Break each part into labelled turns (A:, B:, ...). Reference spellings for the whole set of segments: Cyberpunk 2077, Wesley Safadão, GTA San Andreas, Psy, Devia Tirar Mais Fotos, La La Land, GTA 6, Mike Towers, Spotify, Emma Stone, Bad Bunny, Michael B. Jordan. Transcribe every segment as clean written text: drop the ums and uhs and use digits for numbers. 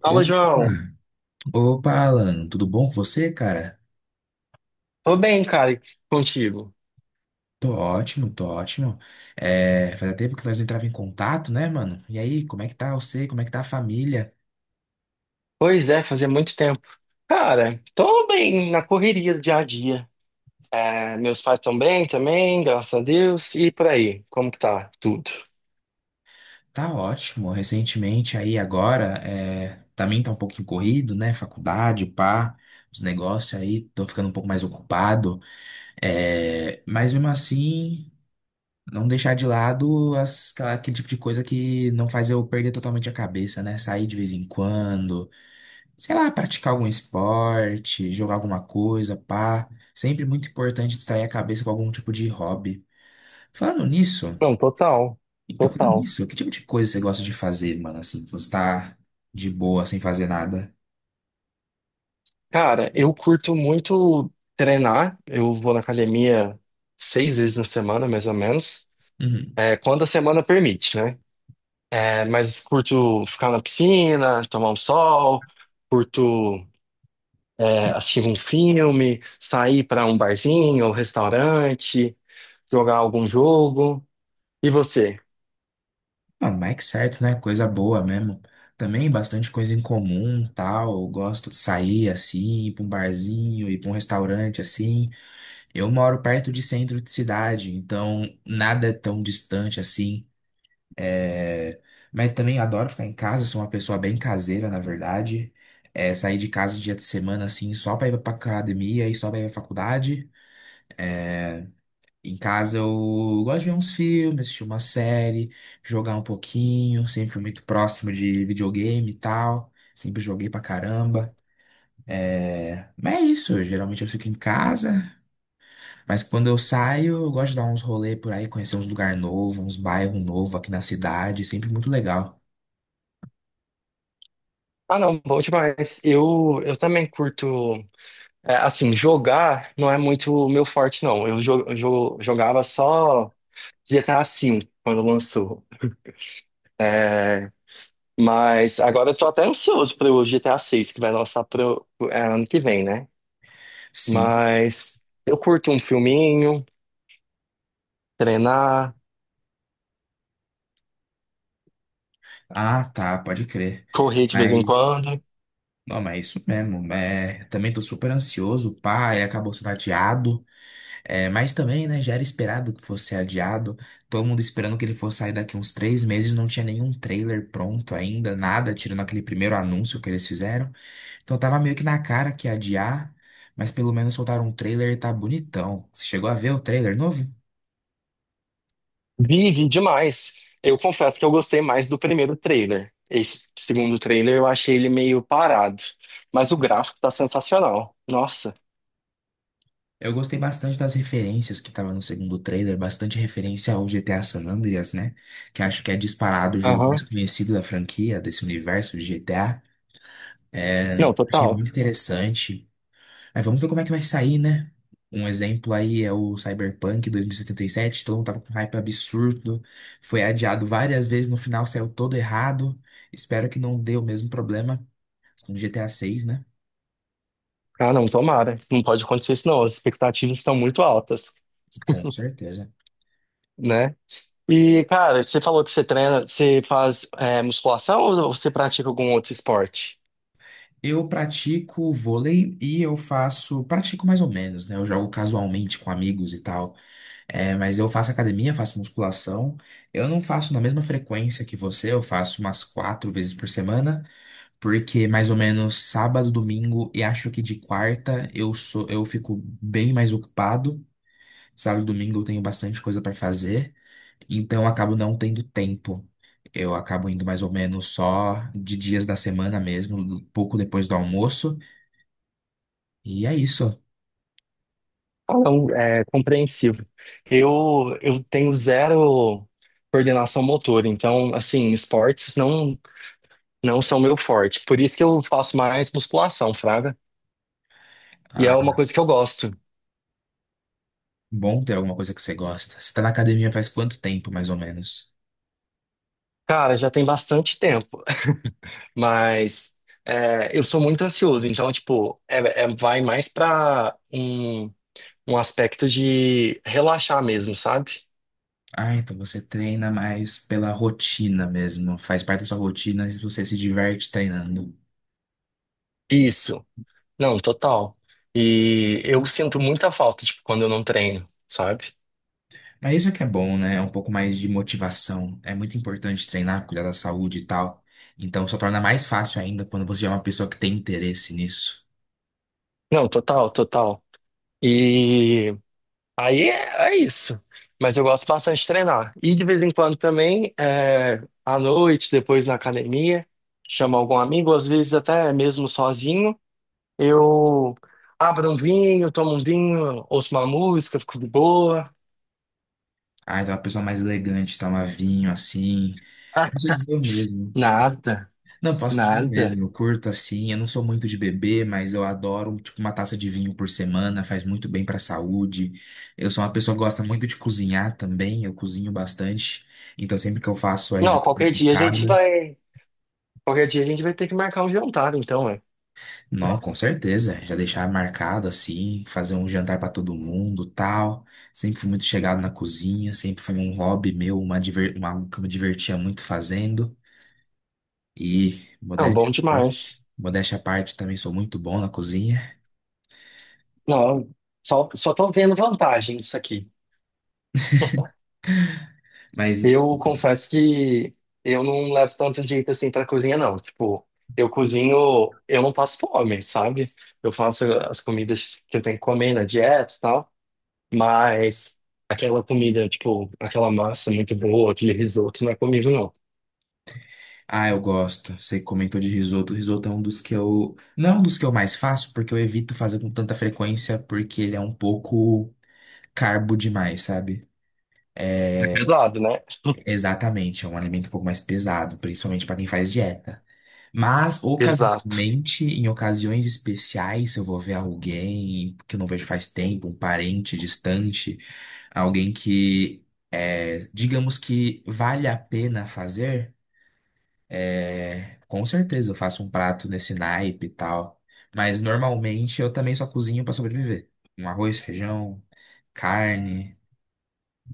A: Fala,
B: Opa,
A: João.
B: Alan, tudo bom com você, cara?
A: Tô bem, cara, e contigo.
B: Tô ótimo, tô ótimo. Fazia tempo que nós não entrava em contato, né, mano? E aí, como é que tá você? Como é que tá a família?
A: Pois é, fazia muito tempo. Cara, tô bem na correria do dia a dia. É, meus pais estão bem também, graças a Deus. E por aí, como que tá tudo?
B: Tá ótimo. Recentemente, aí agora, também tá um pouquinho corrido, né? Faculdade, pá, os negócios aí, tô ficando um pouco mais ocupado. É, mas mesmo assim, não deixar de lado aquele tipo de coisa que não faz eu perder totalmente a cabeça, né? Sair de vez em quando sei lá, praticar algum esporte, jogar alguma coisa, pá. Sempre muito importante distrair a cabeça com algum tipo de hobby. Falando nisso,
A: Não, total,
B: falando
A: total.
B: nisso, que tipo de coisa você gosta de fazer, mano? Assim, que você tá de boa, sem fazer nada?
A: Cara, eu curto muito treinar. Eu vou na academia seis vezes na semana, mais ou menos.
B: Uhum.
A: É, quando a semana permite, né? É, mas curto ficar na piscina, tomar um sol, curto. É, assistir um filme, sair para um barzinho ou restaurante, jogar algum jogo. E você?
B: Ah, mas é que certo, né? Coisa boa mesmo. Também bastante coisa em comum, tal. Eu gosto de sair assim, ir pra um barzinho, ir pra um restaurante assim. Eu moro perto de centro de cidade, então nada é tão distante assim. É, mas também adoro ficar em casa, sou uma pessoa bem caseira, na verdade. É, sair de casa dia de semana, assim, só pra ir pra academia e só pra ir pra faculdade. Em casa eu gosto de ver uns filmes, assistir uma série, jogar um pouquinho. Sempre fui muito próximo de videogame e tal. Sempre joguei pra caramba. Mas é isso, geralmente eu fico em casa, mas quando eu saio, eu gosto de dar uns rolê por aí, conhecer uns lugar novo, uns bairros novo aqui na cidade, sempre muito legal.
A: Ah, não, bom demais. Eu também curto. É, assim, jogar não é muito o meu forte, não. Eu jogava só GTA V quando lançou. É, mas agora eu tô até ansioso pro, GTA 6 que vai lançar pro ano que vem, né?
B: Sim.
A: Mas eu curto um filminho, treinar,
B: Ah, tá, pode crer.
A: correr de vez em
B: Mas.
A: quando.
B: Não, mas é isso mesmo. É, também tô super ansioso. O pai acabou sendo adiado. É, mas também, né, já era esperado que fosse adiado. Todo mundo esperando que ele fosse sair daqui uns três meses, não tinha nenhum trailer pronto ainda, nada, tirando aquele primeiro anúncio que eles fizeram. Então tava meio que na cara que ia adiar, mas pelo menos soltaram um trailer e tá bonitão. Você chegou a ver o trailer novo?
A: Vive demais. Eu confesso que eu gostei mais do primeiro trailer. Esse segundo trailer eu achei ele meio parado. Mas o gráfico tá sensacional. Nossa.
B: Eu gostei bastante das referências que tava no segundo trailer, bastante referência ao GTA San Andreas, né? Que acho que é disparado o jogo
A: Aham.
B: mais conhecido da franquia, desse universo de GTA. É,
A: Não,
B: achei
A: total.
B: muito interessante. Mas vamos ver como é que vai sair, né? Um exemplo aí é o Cyberpunk 2077, todo mundo tava com hype absurdo, foi adiado várias vezes, no final saiu todo errado. Espero que não dê o mesmo problema com o GTA 6, né?
A: Ah, não, tomara. Não pode acontecer isso, não. As expectativas estão muito altas,
B: Com certeza.
A: né? E, cara, você falou que você treina, você faz musculação ou você pratica algum outro esporte?
B: Eu pratico vôlei e eu faço, pratico mais ou menos, né? Eu jogo casualmente com amigos e tal. É, mas eu faço academia, faço musculação. Eu não faço na mesma frequência que você, eu faço umas quatro vezes por semana, porque mais ou menos sábado, domingo e acho que de quarta eu fico bem mais ocupado. Sábado e domingo eu tenho bastante coisa para fazer, então eu acabo não tendo tempo. Eu acabo indo mais ou menos só de dias da semana mesmo, pouco depois do almoço. E é isso.
A: Ah, não, é compreensivo. Eu tenho zero coordenação motora, então, assim, esportes não. Não são meu forte. Por isso que eu faço mais musculação, fraga. E é
B: Ah,
A: uma coisa que eu gosto.
B: bom ter alguma coisa que você gosta. Você tá na academia faz quanto tempo, mais ou menos?
A: Cara, já tem bastante tempo, mas eu sou muito ansioso, então, tipo, vai mais pra um aspecto de relaxar mesmo, sabe?
B: Ah, então você treina mais pela rotina mesmo. Faz parte da sua rotina e você se diverte treinando.
A: Isso. Não, total. E eu sinto muita falta, tipo, quando eu não treino, sabe?
B: Mas isso é que é bom, né? É um pouco mais de motivação. É muito importante treinar, cuidar da saúde e tal. Então só torna mais fácil ainda quando você é uma pessoa que tem interesse nisso.
A: Não, total, total. E aí é isso. Mas eu gosto bastante de treinar. E de vez em quando também, à noite, depois na academia, chamo algum amigo, às vezes até mesmo sozinho, eu abro um vinho, tomo um vinho, ouço uma música, fico de boa.
B: Ah, então é uma pessoa mais elegante, toma vinho assim.
A: Ah,
B: Posso dizer o mesmo.
A: nada,
B: Não, posso dizer mesmo,
A: nada.
B: eu curto assim, eu não sou muito de beber, mas eu adoro, tipo, uma taça de vinho por semana, faz muito bem pra saúde. Eu sou uma pessoa que gosta muito de cozinhar também, eu cozinho bastante. Então sempre que eu faço as
A: Não,
B: janta
A: qualquer
B: em
A: dia a gente
B: casa,
A: vai. Qualquer dia a gente vai ter que marcar um jantar, então, é.
B: não, com certeza, já deixar marcado assim, fazer um jantar pra todo mundo, tal. Sempre fui muito chegado na cozinha, sempre foi um hobby meu, algo que eu me divertia muito fazendo. E
A: Não,
B: modéstia
A: bom
B: à parte,
A: demais.
B: também sou muito bom na cozinha.
A: Não, só tô vendo vantagem isso aqui.
B: Mas
A: Eu confesso que eu não levo tanto jeito assim pra cozinha, não. Tipo, eu cozinho, eu não passo fome, sabe? Eu faço as comidas que eu tenho que comer na dieta e tal, mas aquela comida, tipo, aquela massa muito boa, aquele risoto, não é comigo, não.
B: ah, eu gosto. Você comentou de risoto. Risoto é um dos que eu. Não é um dos que eu mais faço, porque eu evito fazer com tanta frequência, porque ele é um pouco carbo demais, sabe?
A: É pesado, né?
B: Exatamente, é um alimento um pouco mais pesado, principalmente para quem faz dieta. Mas,
A: Exato.
B: ocasionalmente, em ocasiões especiais, se eu vou ver alguém que eu não vejo faz tempo, um parente distante, alguém que, é, digamos que vale a pena fazer. É, com certeza, eu faço um prato nesse naipe e tal. Mas normalmente eu também só cozinho pra sobreviver. Um arroz, feijão, carne,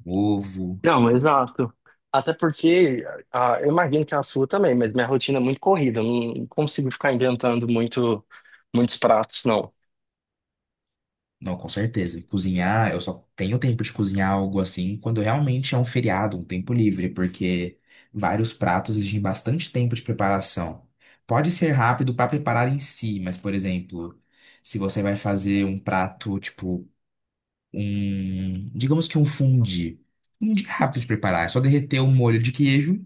B: ovo.
A: Não, exato. Até porque, ah, eu imagino que é a sua também, mas minha rotina é muito corrida, eu não consigo ficar inventando muito, muitos pratos, não.
B: Não, com certeza. Cozinhar, eu só tenho tempo de cozinhar algo assim quando realmente é um feriado, um tempo livre, porque vários pratos exigem bastante tempo de preparação. Pode ser rápido pra preparar em si, mas, por exemplo, se você vai fazer um prato tipo digamos que um fundi. Fundi é rápido de preparar, é só derreter um molho de queijo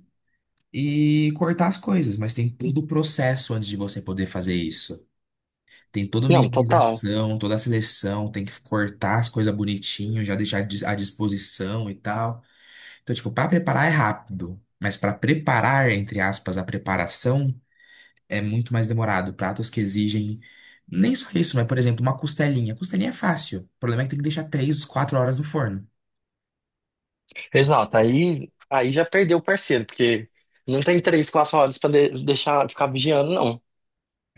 B: e cortar as coisas, mas tem todo o processo antes de você poder fazer isso. Tem toda a
A: Não, total.
B: minimização, toda a seleção, tem que cortar as coisas bonitinho, já deixar à disposição e tal. Então, tipo, para preparar é rápido, mas para preparar, entre aspas, a preparação é muito mais demorado. Pratos que exigem nem só isso, mas, por exemplo, uma costelinha. Costelinha é fácil. O problema é que tem que deixar 3, 4 horas no forno.
A: Exato, aí já perdeu o parceiro, porque não tem 3, 4 horas pra deixar ficar vigiando, não,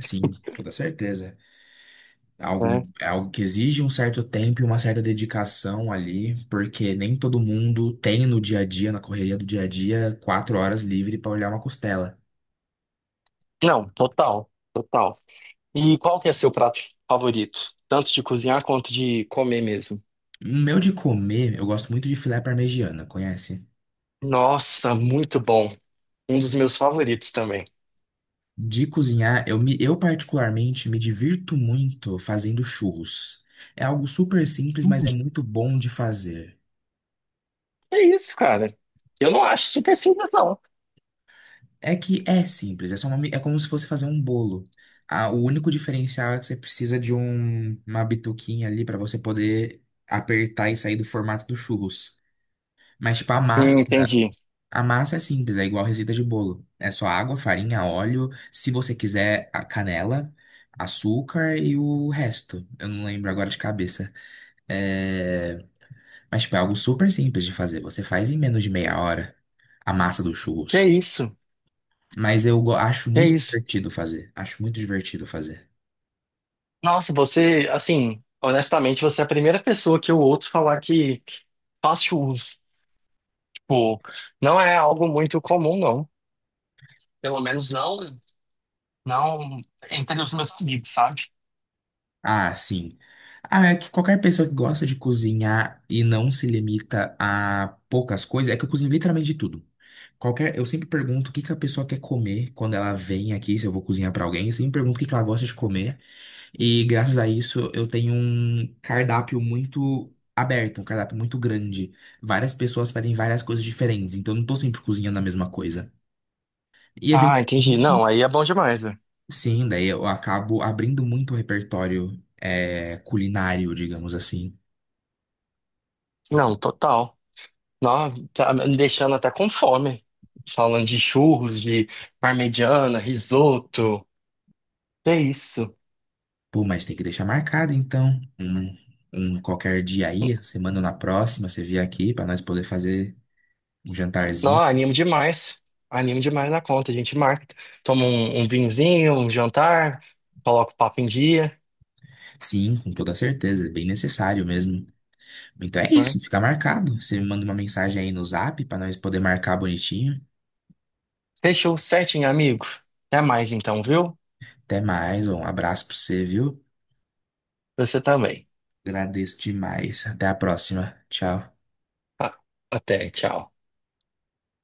B: Sim, toda certeza. É Algo,
A: né?
B: é algo que exige um certo tempo e uma certa dedicação ali, porque nem todo mundo tem no dia a dia, na correria do dia a dia, quatro horas livre para olhar uma costela.
A: Não, total, total. E qual que é seu prato favorito? Tanto de cozinhar quanto de comer mesmo.
B: O meu de comer, eu gosto muito de filé parmegiana, conhece?
A: Nossa, muito bom. Um dos meus favoritos também.
B: De cozinhar, eu particularmente me divirto muito fazendo churros. É algo super simples, mas
A: Hum.
B: é muito bom de fazer.
A: É isso, cara. Eu não acho super simples, não.
B: É que é simples, é só é como se fosse fazer um bolo. Ah, o único diferencial é que você precisa de uma bituquinha ali para você poder apertar e sair do formato do churros. Mas, tipo,
A: Entendi.
B: a massa é simples, é igual receita de bolo. É só água, farinha, óleo, se você quiser, a canela, açúcar e o resto. Eu não lembro agora de cabeça. É, mas, tipo, é algo super simples de fazer. Você faz em menos de meia hora a massa do
A: Que é
B: churros.
A: isso,
B: Acho
A: que é
B: muito
A: isso.
B: divertido fazer. Acho muito divertido fazer.
A: Nossa, você, assim, honestamente, você é a primeira pessoa que eu ouço falar que fast food. Tipo, não é algo muito comum, não. Pelo menos não, não entre os meus amigos, sabe?
B: Ah, sim. Ah, é que qualquer pessoa que gosta de cozinhar e não se limita a poucas coisas, é que eu cozinho literalmente de tudo. Qualquer, eu sempre pergunto o que que a pessoa quer comer quando ela vem aqui, se eu vou cozinhar pra alguém, eu sempre pergunto o que que ela gosta de comer. E graças a isso eu tenho um cardápio muito aberto, um cardápio muito grande. Várias pessoas pedem várias coisas diferentes, então eu não tô sempre cozinhando a mesma coisa. E
A: Ah, entendi. Não,
B: eventualmente
A: aí é bom demais, né?
B: sim, daí eu acabo abrindo muito o repertório é, culinário, digamos assim.
A: Não, total. Não, tá me deixando até com fome. Falando de churros, de parmegiana, risoto. É isso.
B: Pô, mas tem que deixar marcado então. Um qualquer dia aí, essa semana ou na próxima, você vier aqui para nós poder fazer um
A: Não,
B: jantarzinho.
A: animo demais. Animo demais na conta. A gente marca. Toma um vinhozinho, um jantar, coloca o papo em dia,
B: Sim, com toda certeza, é bem necessário mesmo. Então é
A: né?
B: isso, fica marcado. Você me manda uma mensagem aí no Zap para nós poder marcar bonitinho.
A: Fechou certinho, amigo. Até mais então, viu?
B: Até mais, um abraço para você, viu?
A: Você também.
B: Agradeço demais. Até a próxima. Tchau.
A: Ah, até, tchau.